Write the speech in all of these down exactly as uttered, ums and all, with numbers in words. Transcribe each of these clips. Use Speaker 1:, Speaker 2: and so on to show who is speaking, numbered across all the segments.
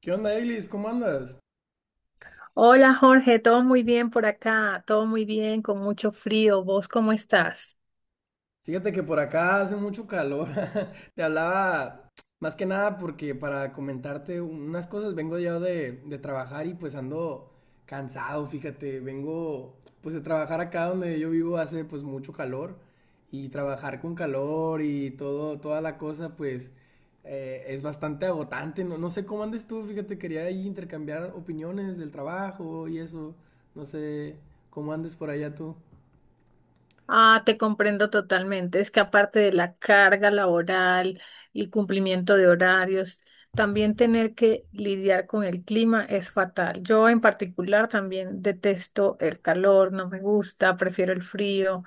Speaker 1: ¿Qué onda, Eglis? ¿Cómo andas?
Speaker 2: Hola Jorge, todo muy bien por acá, todo muy bien, con mucho frío. ¿Vos cómo estás?
Speaker 1: Fíjate que por acá hace mucho calor. Te hablaba más que nada porque para comentarte unas cosas, vengo ya de, de trabajar y pues ando cansado, fíjate. Vengo pues de trabajar acá donde yo vivo hace pues mucho calor y trabajar con calor y todo, toda la cosa pues eh, es bastante agotante. No, no sé cómo andes tú, fíjate, quería ahí intercambiar opiniones del trabajo y eso. No sé cómo andes por allá tú.
Speaker 2: Ah, te comprendo totalmente. Es que aparte de la carga laboral y cumplimiento de horarios, también tener que lidiar con el clima es fatal. Yo en particular también detesto el calor, no me gusta, prefiero el frío.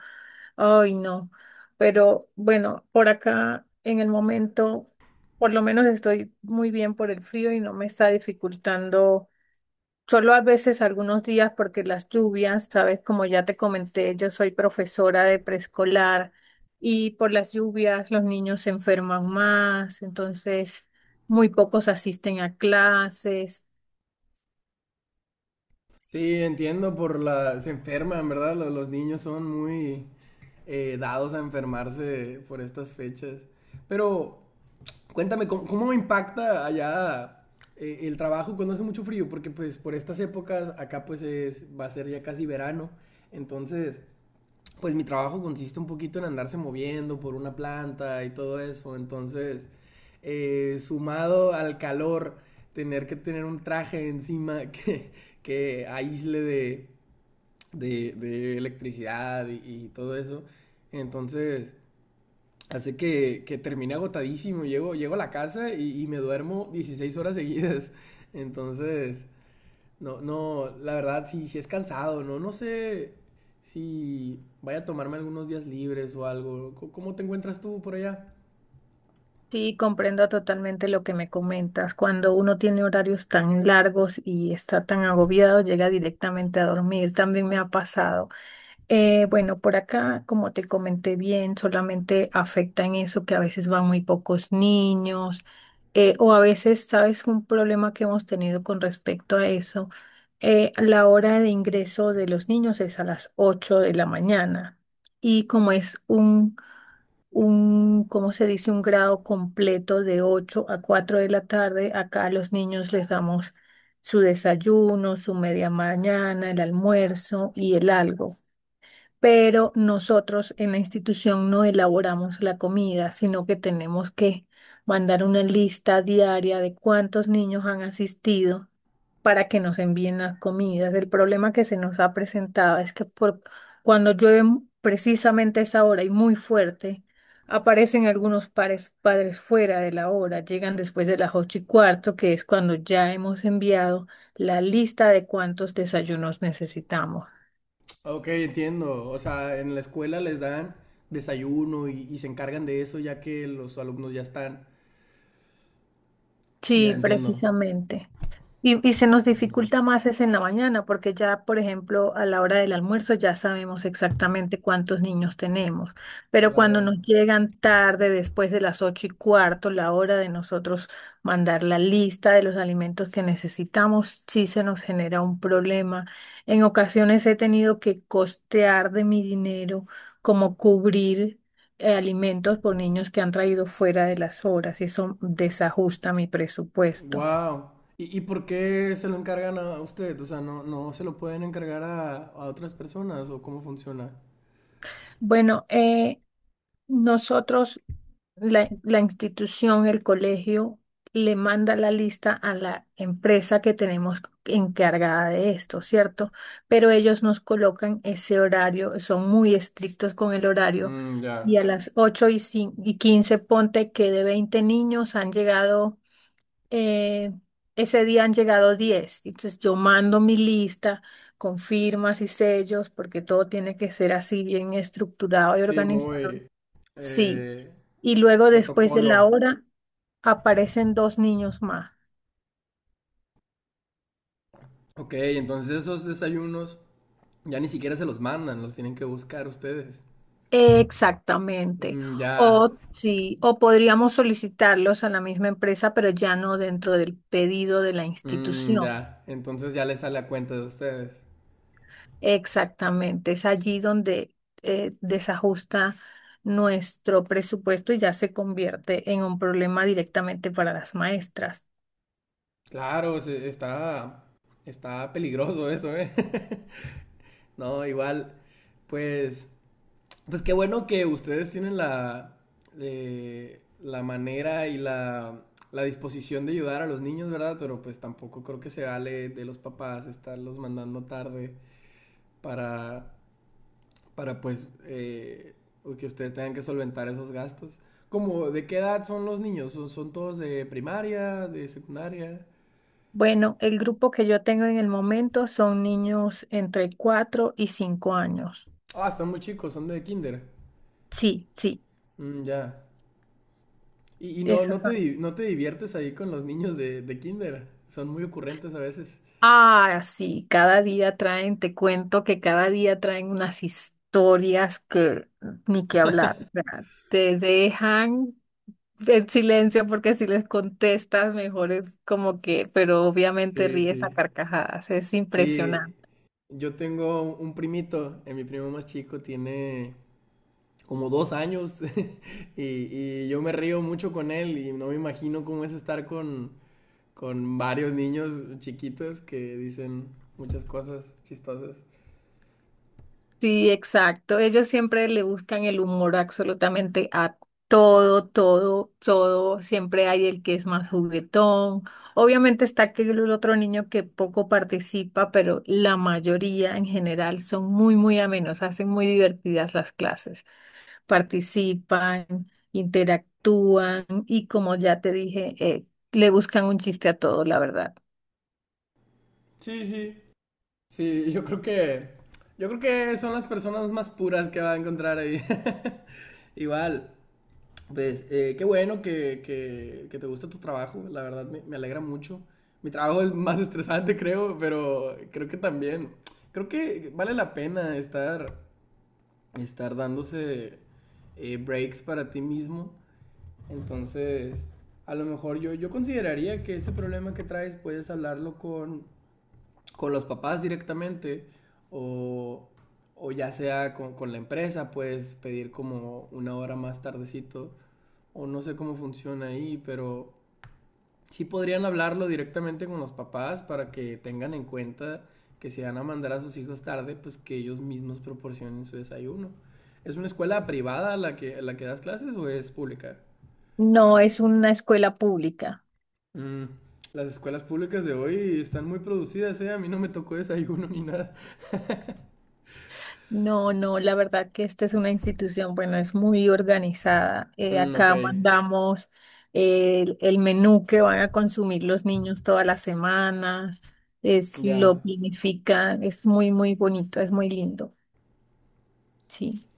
Speaker 2: Ay, no. Pero bueno, por acá en el momento, por lo menos estoy muy bien por el frío y no me está dificultando. Solo a veces algunos días porque las lluvias, sabes, como ya te comenté, yo soy profesora de preescolar y por las lluvias los niños se enferman más, entonces muy pocos asisten a clases.
Speaker 1: Sí, entiendo por la... se enferman, ¿verdad? Lo- Los, niños son muy eh, dados a enfermarse por estas fechas. Pero cuéntame, ¿cómo, cómo impacta allá eh, el trabajo cuando hace mucho frío? Porque pues por estas épocas acá pues es, va a ser ya casi verano. Entonces, pues mi trabajo consiste un poquito en andarse moviendo por una planta y todo eso. Entonces, eh, sumado al calor, tener que tener un traje encima que, que aísle de, de, de electricidad y, y todo eso. Entonces, hace que, que termine agotadísimo. Llego, llego a la casa y, y me duermo dieciséis horas seguidas. Entonces, no, no, la verdad sí, sí es cansado, ¿no? No sé si vaya a tomarme algunos días libres o algo. Co- ¿Cómo te encuentras tú por allá?
Speaker 2: Sí, comprendo totalmente lo que me comentas. Cuando uno tiene horarios tan largos y está tan agobiado, llega directamente a dormir. También me ha pasado. Eh, bueno, por acá, como te comenté bien, solamente afecta en eso que a veces van muy pocos niños, eh, o a veces, ¿sabes? Un problema que hemos tenido con respecto a eso, eh, la hora de ingreso de los niños es a las ocho de la mañana y como es un, un, ¿cómo se dice? Un grado completo de ocho a cuatro de la tarde, acá a los niños les damos su desayuno, su media mañana, el almuerzo y el algo, pero nosotros en la institución no elaboramos la comida, sino que tenemos que mandar una lista diaria de cuántos niños han asistido para que nos envíen las comidas. El problema que se nos ha presentado es que por, cuando llueve mu- precisamente a esa hora y muy fuerte, aparecen algunos pares- padres fuera de la hora, llegan después de las ocho y cuarto, que es cuando ya hemos enviado la lista de cuántos desayunos necesitamos.
Speaker 1: Ok, entiendo. O sea, en la escuela les dan desayuno y, y se encargan de eso ya que los alumnos ya están. Ya
Speaker 2: Sí,
Speaker 1: entiendo.
Speaker 2: precisamente. Y, y se nos dificulta más es en la mañana, porque ya, por ejemplo, a la hora del almuerzo ya sabemos exactamente cuántos niños tenemos, pero cuando
Speaker 1: Claro.
Speaker 2: nos llegan tarde, después de las ocho y cuarto, la hora de nosotros mandar la lista de los alimentos que necesitamos, sí se nos genera un problema. En ocasiones he tenido que costear de mi dinero, como cubrir eh, alimentos por niños que han traído fuera de las horas y eso desajusta mi presupuesto.
Speaker 1: Wow. ¿Y, y por qué se lo encargan a usted? O sea, ¿no, no se lo pueden encargar a, a otras personas o cómo funciona?
Speaker 2: Bueno, eh, nosotros, la, la institución, el colegio, le manda la lista a la empresa que tenemos encargada de esto, ¿cierto? Pero ellos nos colocan ese horario, son muy estrictos con el horario.
Speaker 1: Mm,
Speaker 2: Y a
Speaker 1: ya.
Speaker 2: las ocho y, cin- y quince, ponte que de veinte niños han llegado, eh, ese día han llegado diez. Entonces yo mando mi lista con firmas y sellos porque todo tiene que ser así bien estructurado y
Speaker 1: Sí,
Speaker 2: organizado.
Speaker 1: muy
Speaker 2: Sí.
Speaker 1: eh,
Speaker 2: Y luego después de la
Speaker 1: protocolo.
Speaker 2: hora aparecen dos niños más.
Speaker 1: Ok, entonces esos desayunos ya ni siquiera se los mandan, los tienen que buscar ustedes.
Speaker 2: Exactamente.
Speaker 1: Mm, ya.
Speaker 2: O sí, o podríamos solicitarlos a la misma empresa, pero ya no dentro del pedido de la
Speaker 1: Mm,
Speaker 2: institución.
Speaker 1: ya, entonces ya les sale a cuenta de ustedes.
Speaker 2: Exactamente, es allí donde eh, desajusta nuestro presupuesto y ya se convierte en un problema directamente para las maestras.
Speaker 1: Claro, se- está, está peligroso eso, ¿eh? No, igual, pues, pues qué bueno que ustedes tienen la, eh, la manera y la, la disposición de ayudar a los niños, ¿verdad? Pero pues tampoco creo que se vale de los papás estarlos mandando tarde para, para pues eh, que ustedes tengan que solventar esos gastos. Como, ¿de qué edad son los niños? ¿Son, son todos de primaria, de secundaria?
Speaker 2: Bueno, el grupo que yo tengo en el momento son niños entre cuatro y cinco años.
Speaker 1: Ah, están muy chicos, son de kinder.
Speaker 2: Sí, sí,
Speaker 1: Mm, ya. Y, y no,
Speaker 2: esos
Speaker 1: no, te,
Speaker 2: son.
Speaker 1: di- no te diviertes ahí con los niños de, de kinder. Son muy ocurrentes a veces.
Speaker 2: Ah, sí, cada día traen, te cuento que cada día traen unas historias que ni que hablar, o sea, te dejan en silencio, porque si les contestas, mejor es como que, pero obviamente
Speaker 1: Sí,
Speaker 2: ríes a
Speaker 1: sí.
Speaker 2: carcajadas, es
Speaker 1: Sí,
Speaker 2: impresionante.
Speaker 1: yo tengo un primito, eh, mi primo más chico tiene como dos años y, y yo me río mucho con él y no me imagino cómo es estar con, con varios niños chiquitos que dicen muchas cosas chistosas.
Speaker 2: Sí, exacto. Ellos siempre le buscan el humor absolutamente a todo, todo, todo. Siempre hay el que es más juguetón. Obviamente está aquel otro niño que poco participa, pero la mayoría en general son muy, muy amenos, hacen muy divertidas las clases. Participan, interactúan y como ya te dije, eh, le buscan un chiste a todo, la verdad.
Speaker 1: Sí, sí. Sí, yo creo que yo creo que son las personas más puras que va a encontrar ahí. Igual, pues eh, qué bueno que, que, que te gusta tu trabajo, la verdad me, me alegra mucho. Mi trabajo es más estresante, creo, pero creo que también, creo que vale la pena estar, estar dándose eh, breaks para ti mismo. Entonces, a lo mejor yo, yo consideraría que ese problema que traes puedes hablarlo con, con los papás directamente o, o ya sea con, con la empresa, puedes pedir como una hora más tardecito o no sé cómo funciona ahí, pero sí podrían hablarlo directamente con los papás para que tengan en cuenta que si van a mandar a sus hijos tarde, pues que ellos mismos proporcionen su desayuno. ¿Es una escuela privada la que, la que das clases o es pública?
Speaker 2: No es una escuela pública.
Speaker 1: Mm. Las escuelas públicas de hoy están muy producidas, ¿eh? A mí no me tocó desayuno ni nada.
Speaker 2: No, no, la verdad que esta es una institución, bueno, es muy organizada. Eh,
Speaker 1: Mm, ok,
Speaker 2: acá mandamos eh, el, el menú que van a consumir los niños todas las semanas, es, lo
Speaker 1: ya,
Speaker 2: planifican, es muy, muy bonito, es muy lindo. Sí.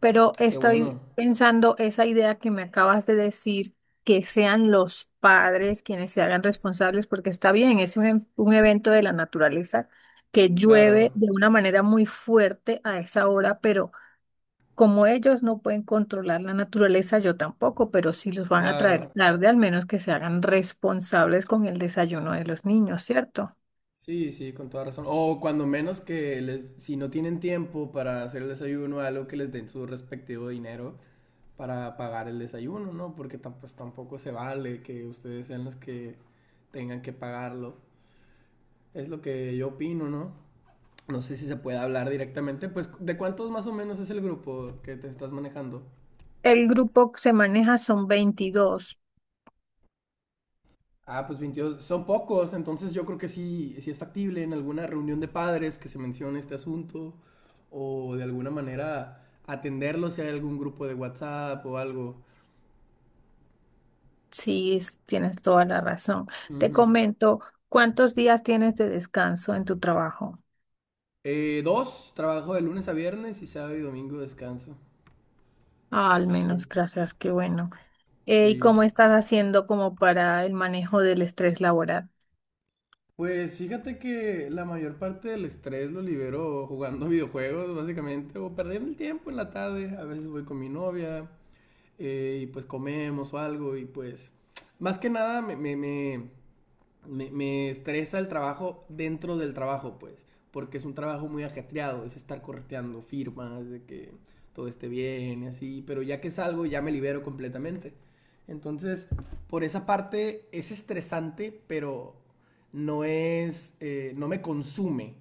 Speaker 2: Pero
Speaker 1: qué bueno.
Speaker 2: estoy pensando esa idea que me acabas de decir, que sean los padres quienes se hagan responsables, porque está bien, es un, ev- un evento de la naturaleza que llueve
Speaker 1: Claro,
Speaker 2: de una manera muy fuerte a esa hora, pero como ellos no pueden controlar la naturaleza, yo tampoco, pero si los van a traer
Speaker 1: claro.
Speaker 2: tarde, al menos que se hagan responsables con el desayuno de los niños, ¿cierto?
Speaker 1: Sí, sí, con toda razón. O cuando menos que les, si no tienen tiempo para hacer el desayuno, algo que les den su respectivo dinero para pagar el desayuno, ¿no? Porque tam- pues tampoco se vale que ustedes sean los que tengan que pagarlo. Es lo que yo opino, ¿no? No sé si se puede hablar directamente, pues ¿de cuántos más o menos es el grupo que te estás manejando?
Speaker 2: El grupo que se maneja son veintidós.
Speaker 1: Ah, pues veintidós son pocos, entonces yo creo que sí, sí es factible en alguna reunión de padres que se mencione este asunto o de alguna manera atenderlo si hay algún grupo de WhatsApp o algo.
Speaker 2: Sí, es- tienes toda la razón. Te
Speaker 1: Ujú.
Speaker 2: comento, ¿cuántos días tienes de descanso en tu trabajo?
Speaker 1: Eh, dos, trabajo de lunes a viernes y sábado y domingo descanso.
Speaker 2: Ah, al
Speaker 1: Sí,
Speaker 2: menos, gracias, qué bueno. Eh, ¿y
Speaker 1: sí.
Speaker 2: cómo estás haciendo como para el manejo del estrés laboral?
Speaker 1: Pues fíjate que la mayor parte del estrés lo libero jugando videojuegos, básicamente, o perdiendo el tiempo en la tarde. A veces voy con mi novia, eh, y pues comemos o algo y pues más que nada me, me, me- me, me estresa el trabajo dentro del trabajo, pues, porque es un trabajo muy ajetreado, es estar correteando firmas, de que todo esté bien y así, pero ya que salgo ya me libero completamente. Entonces, por esa parte es estresante, pero no es, eh, no me consume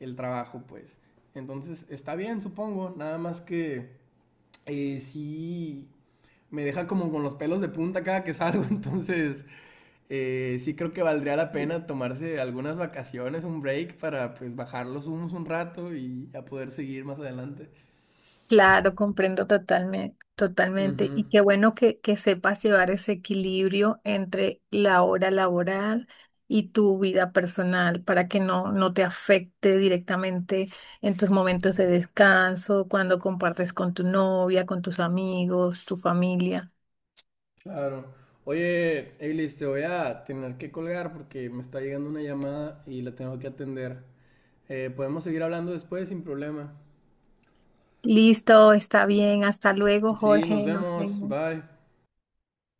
Speaker 1: el trabajo, pues. Entonces, está bien, supongo, nada más que eh, sí me deja como con los pelos de punta cada que salgo, entonces eh, sí creo que valdría la pena tomarse algunas vacaciones, un break para pues bajar los humos un rato y a poder seguir más adelante.
Speaker 2: Claro, comprendo totalmente, totalmente.
Speaker 1: Ujú,
Speaker 2: Y qué bueno que, que sepas llevar ese equilibrio entre la hora laboral y tu vida personal para que no, no te afecte directamente en tus momentos de descanso, cuando compartes con tu novia, con tus amigos, tu familia.
Speaker 1: claro. Oye, Eilis, te voy a tener que colgar porque me está llegando una llamada y la tengo que atender. Eh, podemos seguir hablando después sin problema.
Speaker 2: Listo, está bien. Hasta luego,
Speaker 1: Sí, nos
Speaker 2: Jorge. Nos
Speaker 1: vemos.
Speaker 2: vemos.
Speaker 1: Bye.